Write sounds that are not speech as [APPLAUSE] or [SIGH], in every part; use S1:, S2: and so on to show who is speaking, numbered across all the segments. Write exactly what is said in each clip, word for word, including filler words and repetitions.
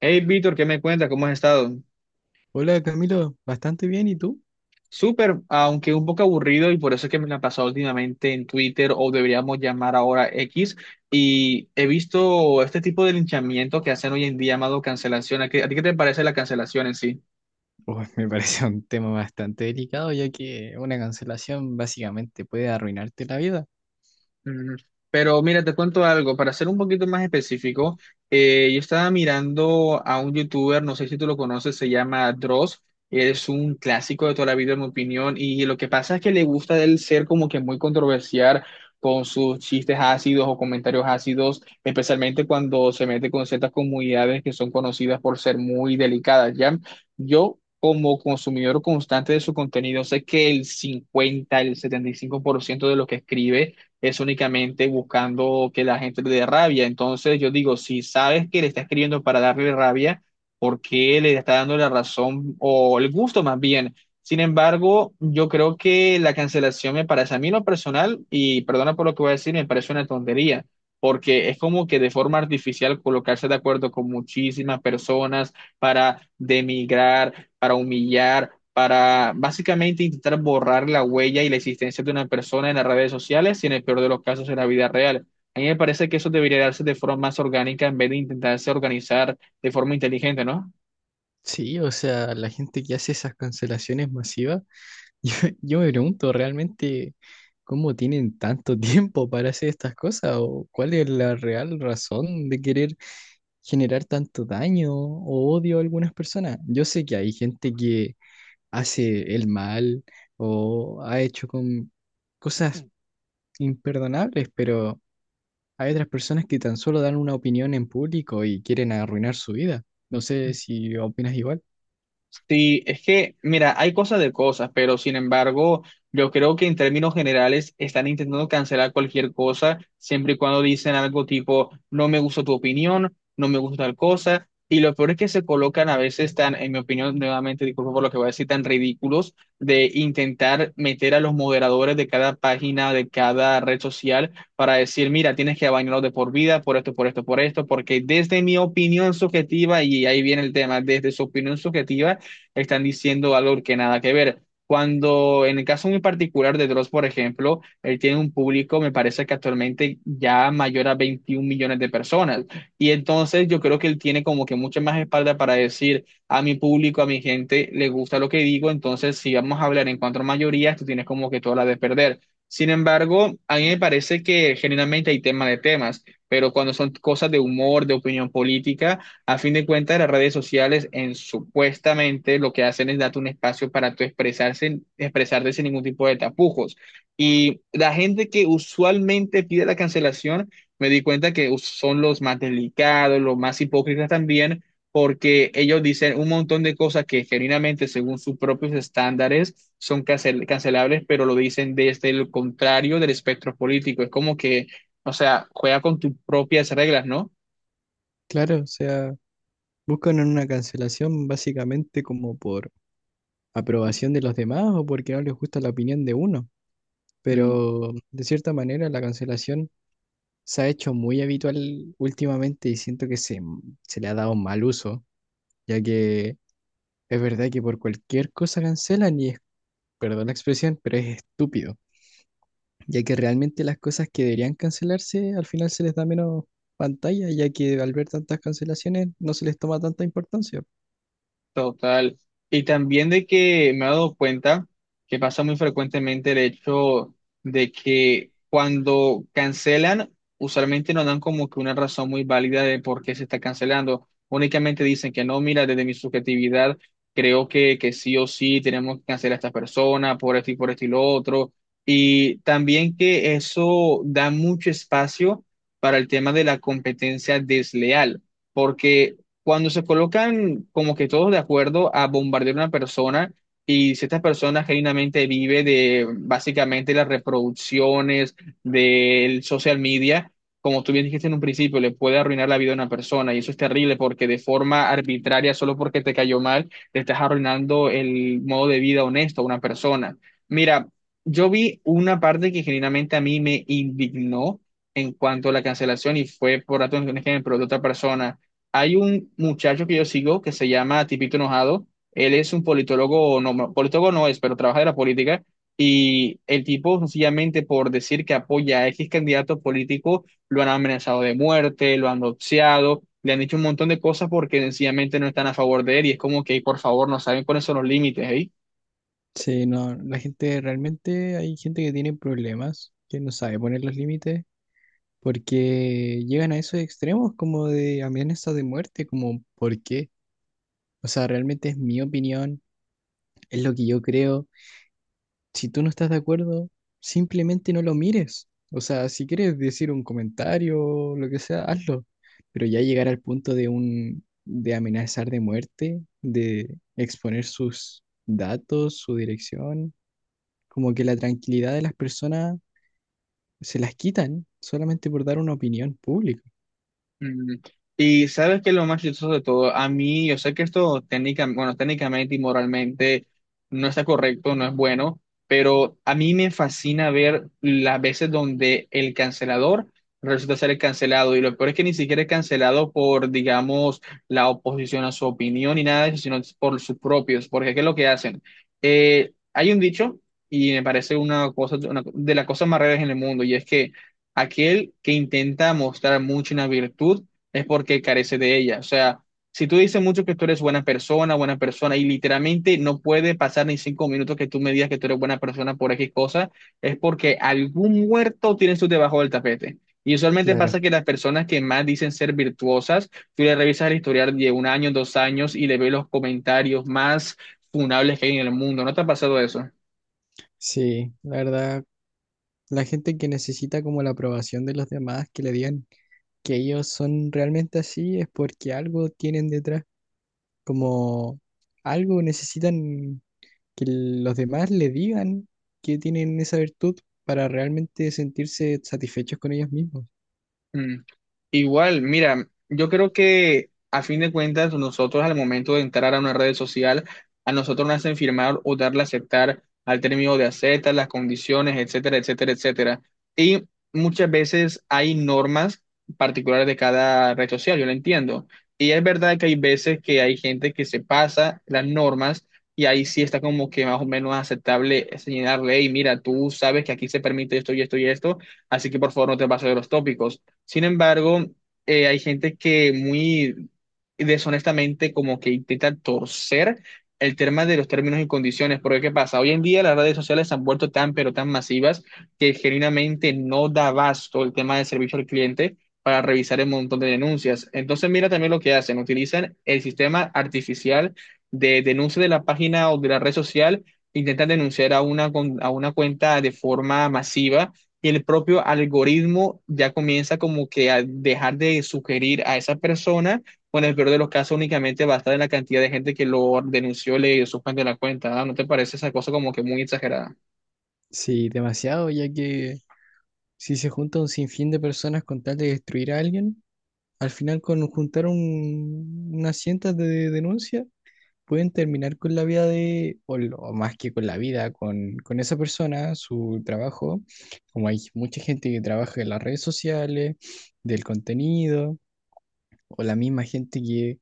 S1: Hey, Víctor, ¿qué me cuentas? ¿Cómo has estado?
S2: Hola Camilo, bastante bien, ¿y tú?
S1: Súper, aunque un poco aburrido y por eso es que me la he pasado últimamente en Twitter o deberíamos llamar ahora X, y he visto este tipo de linchamiento que hacen hoy en día llamado cancelación. ¿A qué- a ti qué te parece la cancelación en sí?
S2: Uy, me parece un tema bastante delicado, ya que una cancelación básicamente puede arruinarte la vida.
S1: Mm. Pero mira, te cuento algo, para ser un poquito más específico, eh, yo estaba mirando a un youtuber, no sé si tú lo conoces, se llama Dross, es un clásico de toda la vida en mi opinión, y lo que pasa es que le gusta de él ser como que muy controversial con sus chistes ácidos o comentarios ácidos, especialmente cuando se mete con ciertas comunidades que son conocidas por ser muy delicadas, ¿ya? Yo... Como consumidor constante de su contenido, sé que el cincuenta, el setenta y cinco por ciento de lo que escribe es únicamente buscando que la gente le dé rabia. Entonces yo digo, si sabes que le está escribiendo para darle rabia, ¿por qué le está dando la razón o el gusto más bien? Sin embargo, yo creo que la cancelación me parece a mí en lo personal, y perdona por lo que voy a decir, me parece una tontería, porque es como que de forma artificial colocarse de acuerdo con muchísimas personas para demigrar, para humillar, para básicamente intentar borrar la huella y la existencia de una persona en las redes sociales y en el peor de los casos en la vida real. A mí me parece que eso debería darse de forma más orgánica en vez de intentarse organizar de forma inteligente, ¿no?
S2: Sí, o sea, la gente que hace esas cancelaciones masivas, [LAUGHS] yo, yo me pregunto realmente cómo tienen tanto [LAUGHS] tiempo para hacer estas cosas o cuál es la real razón de querer generar tanto daño o odio a algunas personas. Yo sé que hay gente que hace el mal o ha hecho con cosas imperdonables, pero hay otras personas que tan solo dan una opinión en público y quieren arruinar su vida. No sé si opinas igual.
S1: Sí, es que, mira, hay cosas de cosas, pero sin embargo, yo creo que en términos generales están intentando cancelar cualquier cosa, siempre y cuando dicen algo tipo, no me gusta tu opinión, no me gusta tal cosa, y lo peor es que se colocan a veces tan, en mi opinión, nuevamente, disculpa por lo que voy a decir, tan ridículos de intentar meter a los moderadores de cada página, de cada red social, para decir, mira, tienes que bañarlo de por vida, por esto, por esto, por esto, porque desde mi opinión subjetiva, y ahí viene el tema, desde su opinión subjetiva, están diciendo algo que nada que ver. Cuando en el caso muy particular de Dross, por ejemplo, él tiene un público, me parece que actualmente ya mayor a veintiún millones de personas. Y entonces yo creo que él tiene como que mucha más espalda para decir a mi público, a mi gente, le gusta lo que digo. Entonces, si vamos a hablar en cuanto a mayorías, tú tienes como que toda la de perder. Sin embargo, a mí me parece que generalmente hay tema de temas, pero cuando son cosas de humor, de opinión política, a fin de cuentas, las redes sociales en supuestamente lo que hacen es darte un espacio para tú expresarse, expresarte sin ningún tipo de tapujos. Y la gente que usualmente pide la cancelación, me di cuenta que us- son los más delicados, los más hipócritas también, porque ellos dicen un montón de cosas que genuinamente, según sus propios estándares, son cancel- cancelables, pero lo dicen desde el contrario del espectro político. Es como que, o sea, juega con tus propias reglas, ¿no?
S2: Claro, o sea, buscan una cancelación básicamente como por aprobación de los demás o porque no les gusta la opinión de uno. Pero de cierta manera la cancelación se ha hecho muy habitual últimamente y siento que se, se le ha dado mal uso, ya que es verdad que por cualquier cosa cancelan y es, perdón la expresión, pero es estúpido. Ya que realmente las cosas que deberían cancelarse al final se les da menos pantalla, ya que al ver tantas cancelaciones no se les toma tanta importancia.
S1: Total. Y también de que me he dado cuenta que pasa muy frecuentemente el hecho de que cuando cancelan, usualmente no dan como que una razón muy válida de por qué se está cancelando. Únicamente dicen que no, mira, desde mi subjetividad creo que, que sí o sí tenemos que cancelar a esta persona por esto y por esto y lo otro. Y también que eso da mucho espacio para el tema de la competencia desleal, porque cuando se colocan como que todos de acuerdo a bombardear una persona y si esta persona genuinamente vive de básicamente las reproducciones del social media, como tú bien dijiste en un principio, le puede arruinar la vida a una persona y eso es terrible porque de forma arbitraria, solo porque te cayó mal, le estás arruinando el modo de vida honesto a una persona. Mira, yo vi una parte que genuinamente a mí me indignó en cuanto a la cancelación y fue por datos un ejemplo de otra persona. Hay un muchacho que yo sigo que se llama Tipito Enojado. Él es un politólogo, no, no, politólogo no es, pero trabaja de la política. Y el tipo, sencillamente por decir que apoya a X candidato político, lo han amenazado de muerte, lo han doxeado, le han dicho un montón de cosas porque sencillamente no están a favor de él. Y es como que, por favor, no saben cuáles son los límites, ¿eh?
S2: Sí, no, la gente realmente, hay gente que tiene problemas, que no sabe poner los límites, porque llegan a esos extremos como de amenazas de muerte, como ¿por qué? O sea, realmente es mi opinión, es lo que yo creo. Si tú no estás de acuerdo, simplemente no lo mires. O sea, si quieres decir un comentario, lo que sea, hazlo. Pero ya llegar al punto de un, de amenazar de muerte, de exponer sus datos, su dirección, como que la tranquilidad de las personas se las quitan solamente por dar una opinión pública.
S1: Mm. Y sabes que lo más chistoso de todo, a mí, yo sé que esto técnica, bueno, técnicamente y moralmente no está correcto, no es bueno, pero a mí me fascina ver las veces donde el cancelador resulta ser el cancelado. Y lo peor es que ni siquiera es cancelado por, digamos, la oposición a su opinión ni nada de eso, sino es por sus propios. Porque ¿qué es lo que hacen? Eh, hay un dicho, y me parece una cosa, una de las cosas más raras en el mundo, y es que aquel que intenta mostrar mucho una virtud es porque carece de ella. O sea, si tú dices mucho que tú eres buena persona, buena persona, y literalmente no puede pasar ni cinco minutos que tú me digas que tú eres buena persona por X cosa, es porque algún muerto tiene su debajo del tapete. Y usualmente
S2: Claro.
S1: pasa que las personas que más dicen ser virtuosas, tú le revisas el historial de un año, dos años y le ves los comentarios más funables que hay en el mundo. ¿No te ha pasado eso?
S2: Sí, la verdad, la gente que necesita como la aprobación de los demás, que le digan que ellos son realmente así, es porque algo tienen detrás. Como algo necesitan que los demás le digan que tienen esa virtud para realmente sentirse satisfechos con ellos mismos.
S1: Mm. Igual, mira, yo creo que a fin de cuentas nosotros al momento de entrar a una red social, a nosotros nos hacen firmar o darle a aceptar al término de acepta, las condiciones, etcétera, etcétera, etcétera. Y muchas veces hay normas particulares de cada red social, yo lo entiendo. Y es verdad que hay veces que hay gente que se pasa las normas y ahí sí está como que más o menos aceptable señalarle, y mira, tú sabes que aquí se permite esto y esto y esto, así que por favor no te pases de los tópicos. Sin embargo, eh, hay gente que muy deshonestamente como que intenta torcer el tema de los términos y condiciones, porque ¿qué pasa? Hoy en día las redes sociales se han vuelto tan pero tan masivas que genuinamente no da abasto el tema de servicio al cliente para revisar el montón de denuncias. Entonces mira también lo que hacen, utilizan el sistema artificial de denuncia de la página o de la red social, intentan denunciar a una, con- a una cuenta de forma masiva y el propio algoritmo ya comienza como que a dejar de sugerir a esa persona, o en el peor de los casos únicamente va a estar en la cantidad de gente que lo denunció, le suspendió la cuenta, ¿ah? ¿No te parece esa cosa como que muy exagerada?
S2: Sí, demasiado, ya que si se junta un sinfín de personas con tal de destruir a alguien, al final con juntar un- unas cientas de denuncias, pueden terminar con la vida de, o, lo- o más que con la vida, con, con esa persona, su trabajo, como hay mucha gente que trabaja en las redes sociales, del contenido. O la misma gente que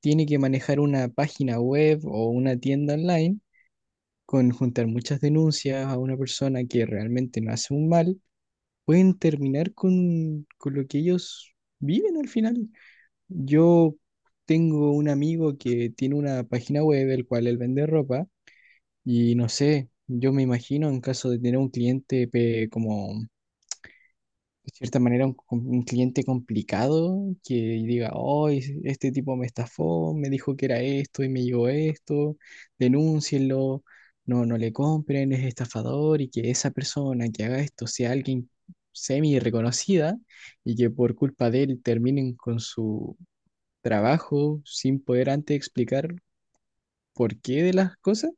S2: tiene que manejar una página web o una tienda online, con juntar muchas denuncias a una persona que realmente no hace un mal, pueden terminar con, con lo que ellos viven al final. Yo tengo un amigo que tiene una página web, el cual él vende ropa, y no sé, yo me imagino en caso de tener un cliente pe- como de cierta manera un, un cliente complicado que diga, oh, este tipo me estafó, me dijo que era esto y me llegó esto, denúncienlo, no, no le compren, es estafador y que esa persona que haga esto sea alguien semi reconocida y que por culpa de él terminen con su trabajo sin poder antes explicar por qué de las cosas.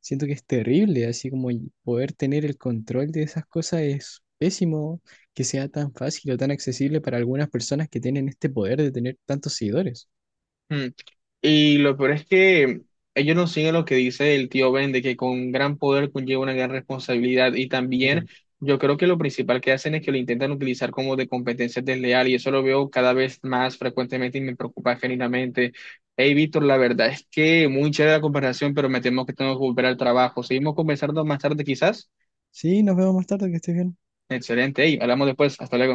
S2: Siento que es terrible, así como y poder tener el control de esas cosas es pésimo que sea tan fácil o tan accesible para algunas personas que tienen este poder de tener tantos seguidores.
S1: Mm. Y lo peor es que ellos no siguen lo que dice el tío Ben, de que con gran poder conlleva una gran responsabilidad. Y también
S2: Claro.
S1: yo creo que lo principal que hacen es que lo intentan utilizar como de competencia desleal. Y eso lo veo cada vez más frecuentemente y me preocupa genuinamente. Hey, Víctor, la verdad es que muy chévere la comparación, pero me temo que tengo que volver al trabajo. Seguimos conversando más tarde, quizás.
S2: Sí, nos vemos más tarde, que estés bien.
S1: Excelente. Hey, hablamos después. Hasta luego.